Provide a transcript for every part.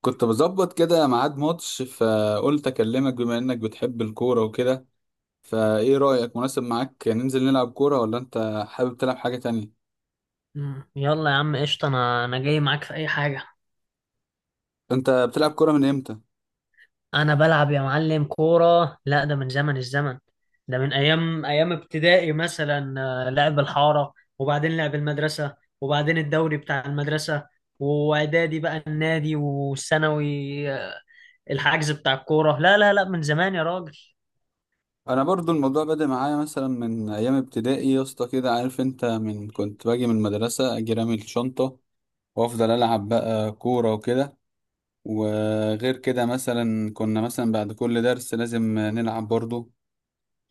كنت بظبط كده ميعاد ماتش، فقلت اكلمك بما انك بتحب الكورة وكده. فايه رأيك، مناسب معاك ننزل نلعب كورة ولا انت حابب تلعب حاجة تانية؟ مم. يلا يا عم قشطة، أنا جاي معاك في أي حاجة. انت بتلعب كورة من امتى؟ أنا بلعب يا معلم كورة، لا ده من زمن الزمن. ده من أيام ابتدائي مثلا، لعب الحارة، وبعدين لعب المدرسة، وبعدين الدوري بتاع المدرسة، وإعدادي بقى النادي، والثانوي الحجز بتاع الكورة، لا لا لا من زمان يا راجل. انا برضو الموضوع بدأ معايا مثلا من ايام ابتدائي يا اسطى، كده عارف انت، من كنت باجي من المدرسة اجي رامي الشنطة وافضل العب بقى كورة وكده. وغير كده مثلا كنا مثلا بعد كل درس لازم نلعب برضو.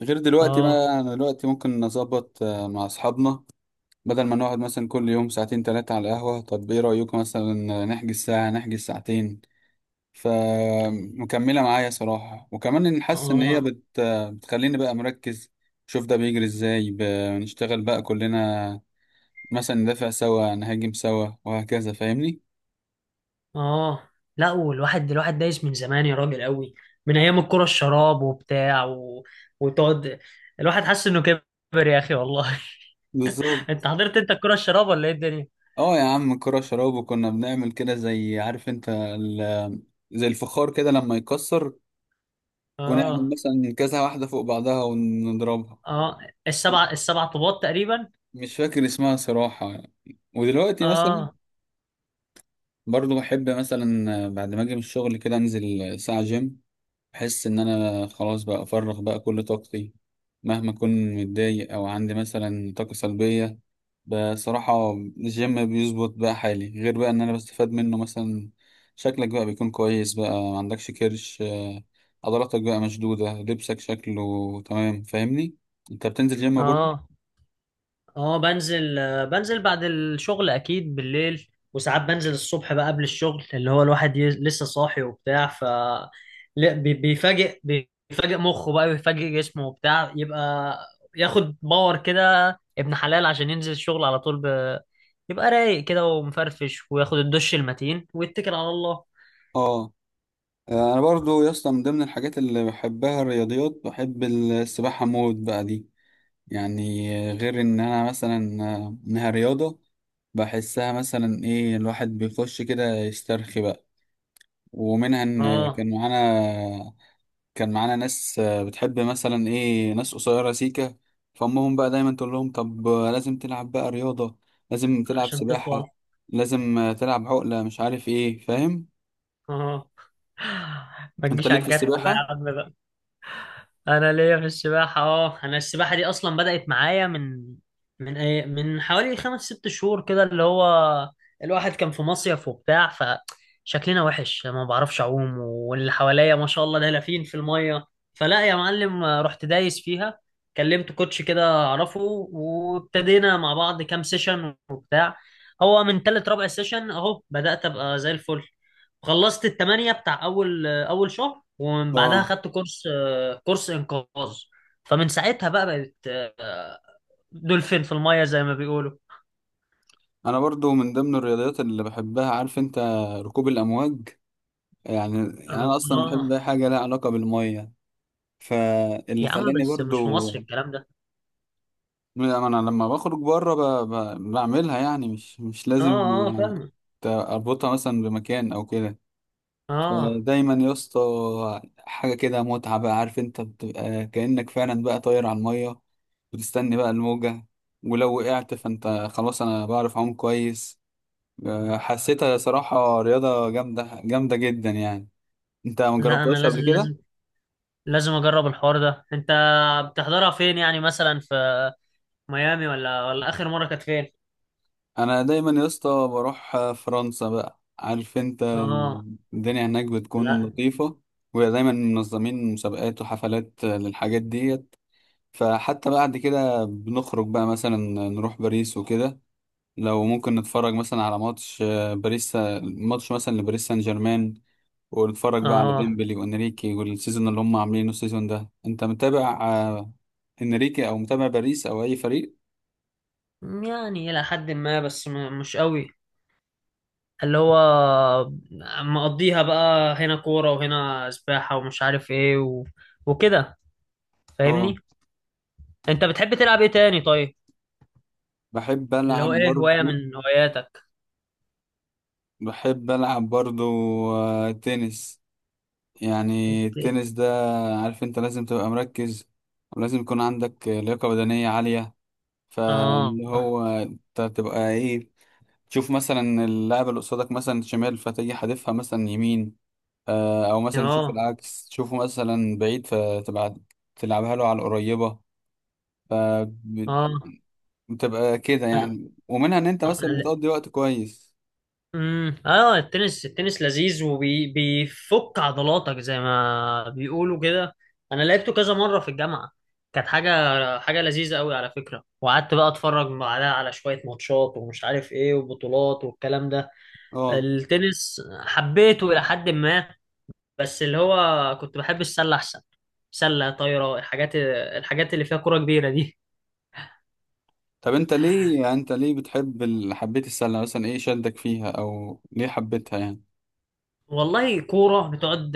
غير دلوقتي آه. بقى، انا دلوقتي ممكن نظبط مع اصحابنا بدل ما نقعد مثلا كل يوم ساعتين تلاتة على القهوة. طب ايه رأيكم مثلا نحجز ساعة، نحجز ساعتين؟ فمكملة معايا صراحة، وكمان إن حاسس إن هي آه. بتخليني بقى مركز. شوف ده بيجري ازاي. نشتغل بقى كلنا، مثلا ندافع سوا نهاجم سوا وهكذا، فاهمني؟ اه. لا، والواحد الواحد دايس من زمان يا راجل قوي. من ايام الكرة الشراب وبتاع. وتقعد، الواحد حاسس انه كبر يا اخي والله. انت بالظبط. حضرت، انت الكرة الشراب ولا ايه الدنيا؟ اه يا عم الكرة شراب، وكنا بنعمل كده زي، عارف انت، زي الفخار كده لما يكسر، ونعمل اه. مثلا كذا واحدة فوق بعضها ونضربها. اه. السبع طوبات تقريبا. مش فاكر اسمها صراحة. ودلوقتي مثلا اه. برضو بحب مثلا بعد ما اجي من الشغل كده انزل ساعة جيم. بحس ان انا خلاص بقى افرغ بقى كل طاقتي، مهما اكون متضايق او عندي مثلا طاقة سلبية. بصراحة الجيم بيظبط بقى حالي، غير بقى ان انا بستفاد منه مثلا، شكلك بقى بيكون كويس، بقى ما عندكش كرش، عضلاتك بقى مشدودة، لبسك شكله تمام، فاهمني؟ انت بتنزل جيم برضو؟ اه. بنزل بعد الشغل اكيد بالليل، وساعات بنزل الصبح بقى قبل الشغل، اللي هو الواحد لسه صاحي وبتاع. لا، بيفاجئ مخه بقى، بيفاجئ جسمه وبتاع، يبقى ياخد باور كده، ابن حلال عشان ينزل الشغل على طول. يبقى رايق كده ومفرفش، وياخد الدش المتين ويتكل على الله. اه. انا برضو يا اسطى من ضمن الحاجات اللي بحبها الرياضيات، بحب السباحه موت بقى دي. يعني غير ان انا مثلا انها رياضه، بحسها مثلا ايه، الواحد بيخش كده يسترخي بقى. ومنها ان اه. كان معانا، كان معانا ناس بتحب مثلا ايه، ناس قصيرة سيكة، فأمهم بقى دايما تقول لهم: طب لازم تلعب بقى رياضة، لازم تلعب عشان تطول. سباحة، لازم تلعب عقلة، مش عارف ايه، فاهم؟ اه. ما انت تجيش ليك على في الجرح بقى السباحة؟ يا عم. انا ليا في السباحه، اه انا السباحه دي اصلا بدات معايا من من ايه من حوالي خمس ست شهور كده، اللي هو الواحد كان في مصيف وبتاع، فشكلنا وحش ما بعرفش اعوم، واللي حواليا ما شاء الله دلافين في الميه، فلا يا معلم رحت دايس فيها. كلمت كوتش كده اعرفه، وابتدينا مع بعض كام سيشن وبتاع، هو من تالت رابع سيشن اهو بدات ابقى زي الفل. خلصت التمانية بتاع اول شهر، ومن بعدها اه. خدت كورس، كورس انقاذ. فمن ساعتها بقى بقت آه، دولفين في الميه زي ما بيقولوا. انا برضو من ضمن الرياضيات اللي بحبها، عارف انت، ركوب الامواج. يعني قالوا انا اصلا بحب اه. اي حاجه لها علاقه بالميه، فاللي يا عم خلاني بس مش في برضو مصر الكلام ده. انا لما بخرج بره بعملها، يعني مش مش اه. لازم اه. فاهمه. اربطها مثلا بمكان او كده. اه. فدايما يا اسطى حاجه كده متعه بقى، عارف انت، بتبقى كانك فعلا بقى طاير على الميه، وتستني بقى الموجه. ولو وقعت فانت خلاص، انا بعرف اعوم كويس. حسيتها صراحة رياضة جامدة جامدة جدا يعني. انت ما لا، انا جربتهاش لازم قبل كده؟ لازم لازم اجرب الحوار ده. انت بتحضرها فين؟ يعني مثلا في ميامي، ولا اخر مره كانت فين؟ انا دايما يا اسطى بروح فرنسا بقى، عارف انت. اه. الدنيا هناك بتكون لا. لطيفة، ودايما منظمين مسابقات وحفلات للحاجات ديت. فحتى بعد كده بنخرج بقى مثلا نروح باريس وكده، لو ممكن نتفرج مثلا على ماتش باريس، ماتش مثلا لباريس سان جيرمان، واتفرج بقى على اه، ديمبلي وانريكي والسيزون اللي هم عاملينه السيزون ده. انت متابع انريكي، او متابع باريس او اي فريق؟ يعني الى حد ما بس مش قوي، اللي هو مقضيها بقى هنا كوره وهنا سباحه، ومش عارف ايه. وكده، فاهمني؟ اه. انت بتحب تلعب ايه تاني طيب؟ بحب اللي هو العب ايه هواية برضو. من هواياتك؟ بحب العب برضو تنس. يعني الت- التنس ده، عارف انت، لازم تبقى مركز، ولازم يكون عندك لياقة بدنية عالية. اه. فاللي هو انت تبقى ايه، تشوف مثلا اللاعب اللي قصادك مثلا شمال فتيجي حادفها مثلا يمين، او مثلا تشوف اه. العكس، تشوفه مثلا بعيد فتبقى تلعبها له على القريبة. فبتبقى اه. كده انا. يعني، ومنها ان انت اه. مثلا لا. بتقضي وقت كويس. اه، التنس لذيذ وبيفك عضلاتك زي ما بيقولوا كده. انا لعبته كذا مرة في الجامعة، كانت حاجة لذيذة قوي على فكرة. وقعدت بقى اتفرج بعدها على شوية ماتشات ومش عارف ايه وبطولات والكلام ده. اه. التنس حبيته الى حد ما، بس اللي هو كنت بحب السله احسن. سله طايره، الحاجات اللي فيها كوره كبيره دي. طب انت ليه يعني، انت ليه بتحب حبيت السلة مثلا، ايه شدك فيها او ليه حبيتها يعني؟ والله كوره بتقعد،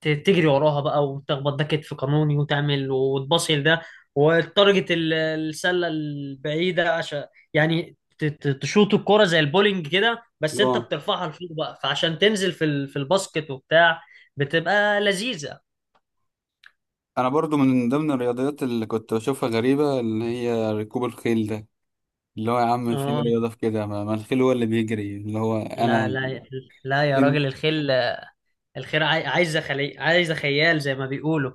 تجري وراها بقى، وتخبط ده كتف قانوني، وتعمل، وتباصي ده، والتارجت السله البعيده، عشان يعني تشوط الكوره زي البولينج كده، بس اه. انت بترفعها لفوق بقى فعشان تنزل في في الباسكت وبتاع، بتبقى لذيذه. انا برضو من ضمن الرياضيات اللي كنت بشوفها غريبة اللي هي ركوب الخيل ده، اللي هو يا عم فين اه. رياضة في كده، ما الخيل هو اللي بيجري، اللي هو لا. انا لا. لا يا فين؟ راجل، الخيل، الخيل عايزه خيال زي ما بيقولوا.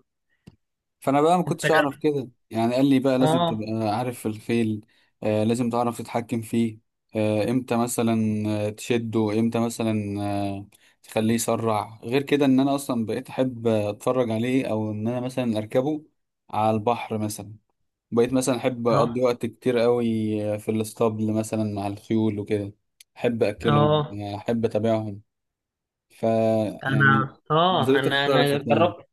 فانا بقى ما انت. كنتش اعرف كده يعني، قال لي بقى لازم تبقى اه. عارف الخيل، آه لازم تعرف تتحكم فيه، آه امتى مثلا تشده، امتى مثلا آه تخليه يسرع. غير كده ان انا اصلا بقيت احب اتفرج عليه، او ان انا مثلا اركبه على البحر مثلا. بقيت مثلا احب اه. اقضي وقت كتير قوي في الاسطبل مثلا مع الخيول وكده، احب اكلهم، اه. احب اتابعهم. ف يعني انا اه نظرتي انا انا اختلفت يعني. جربت،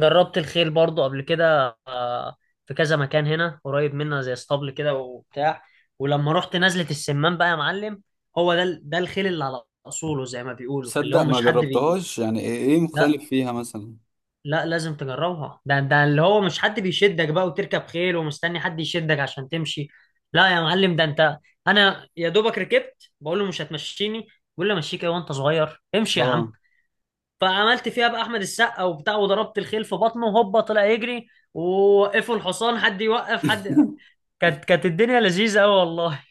جربت الخيل برضو قبل كده، في كذا مكان هنا قريب منا زي اسطبل كده وبتاع. ولما رحت نزلة السمان بقى يا معلم، هو ده الخيل اللي على اصوله زي ما بيقولوا، اللي تصدق هو ما مش حد. جربتهاش يعني، ايه إيه لا. مختلف فيها مثلا؟ لا، لازم تجربها، ده اللي هو مش حد بيشدك بقى، وتركب خيل ومستني حد يشدك عشان تمشي. لا يا معلم ده انت، انا يا دوبك ركبت بقول له مش هتمشيني، بيقول لي امشيك ايه وانت صغير، امشي يا عم. اه. فعملت فيها بقى احمد السقا وبتاع، وضربت الخيل في بطنه، هوبا طلع يجري، ووقفوا الحصان، حد يوقف حد. كانت الدنيا لذيذه قوي والله.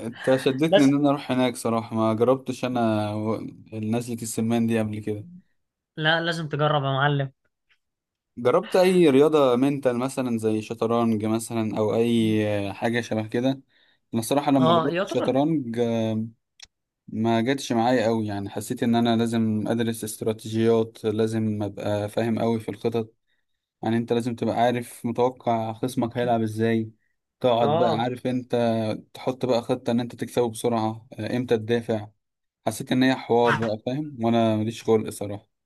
انت شدتني بس، ان انا اروح هناك صراحة، ما جربتش انا نزلة السمان دي قبل كده. لا لازم تجرب يا معلم. جربت اي رياضة منتال مثلا زي شطرنج مثلا او اي حاجة شبه كده؟ انا صراحة لما اه. جربت يعتبر. شطرنج ما جاتش معايا قوي يعني. حسيت ان انا لازم ادرس استراتيجيات، لازم ابقى فاهم قوي في الخطط. يعني انت لازم تبقى عارف متوقع خصمك هيلعب ازاي، تقعد بقى، اه. عارف انت، تحط بقى خطة ان انت تكسبه بسرعة، امتى تدافع. حسيت ان هي حوار بقى، فاهم، وانا ماليش خلق صراحة.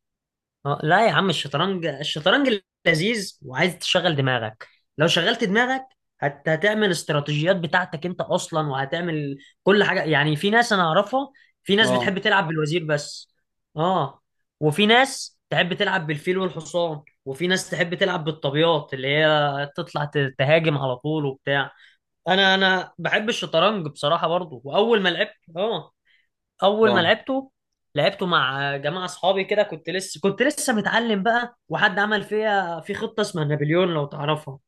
لا يا عم الشطرنج لذيذ، وعايز تشغل دماغك. لو شغلت دماغك، هتعمل استراتيجيات بتاعتك انت اصلا، وهتعمل كل حاجه. يعني في ناس انا اعرفها، في ناس اه. بتحب تلعب بالوزير بس. اه. وفي ناس تحب تلعب بالفيل والحصان، وفي ناس تحب تلعب بالطابيات، اللي هي تطلع تهاجم على طول وبتاع. انا بحب الشطرنج بصراحه برضو. واول ما لعبت اه اول ما اه، لعبته، لعبته مع جماعه اصحابي كده، كنت لسه متعلم بقى، وحد عمل فيها في خطه اسمها نابليون، لو تعرفها.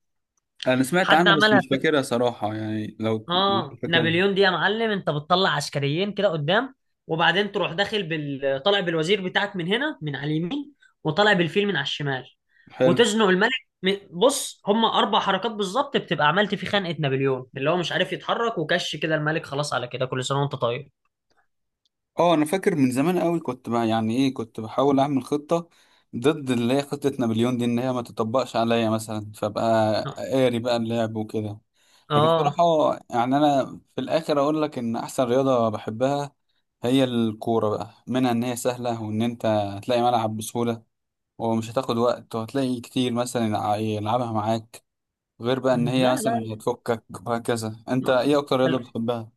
انا سمعت حد عنها بس عملها مش في... فاكرها صراحة يعني، لو انت اه، فاكرها. نابليون دي يا معلم، انت بتطلع عسكريين كده قدام، وبعدين تروح داخل بال، طالع بالوزير بتاعك من هنا من على اليمين، وطالع بالفيل من على الشمال، حلو. وتزنق الملك. م- بص، هم 4 حركات بالظبط بتبقى عملت في خنقه نابليون، اللي هو مش عارف يتحرك، وكش كده الملك، خلاص على كده، كل سنه وانت طيب. اه، انا فاكر من زمان قوي كنت بقى يعني ايه، كنت بحاول اعمل خطة ضد اللي هي خطة نابليون دي ان هي ما تطبقش عليا مثلا، فبقى اه. قاري بقى اللعب وكده. لكن آه. الصراحة يعني أنا في الآخر أقول لك إن أحسن رياضة بحبها هي الكورة بقى، منها إن هي سهلة وإن أنت هتلاقي ملعب بسهولة ومش هتاخد وقت، وهتلاقي كتير مثلا يلعبها معاك، غير بقى إن هي لا. مثلا لا. هتفكك وهكذا. أنت آه. إيه أكتر رياضة بل- بتحبها؟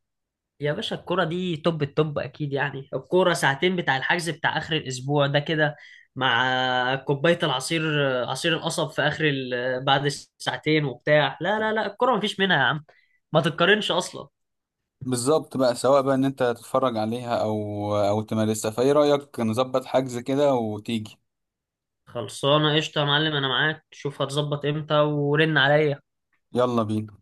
يا باشا الكرة دي توب التوب أكيد. يعني الكرة ساعتين بتاع الحجز بتاع آخر الأسبوع ده كده، مع كوباية العصير، عصير القصب في آخر. بعد الساعتين وبتاع، لا لا لا، الكرة مفيش منها يا عم، ما تتقارنش أصلا. بالظبط بقى، سواء بقى إن أنت تتفرج عليها أو تمارسها. فإيه رأيك نظبط حجز كده وتيجي؟ خلصانة قشطة يا معلم، أنا معاك، شوف هتظبط إمتى ورن عليا. يلا بينا.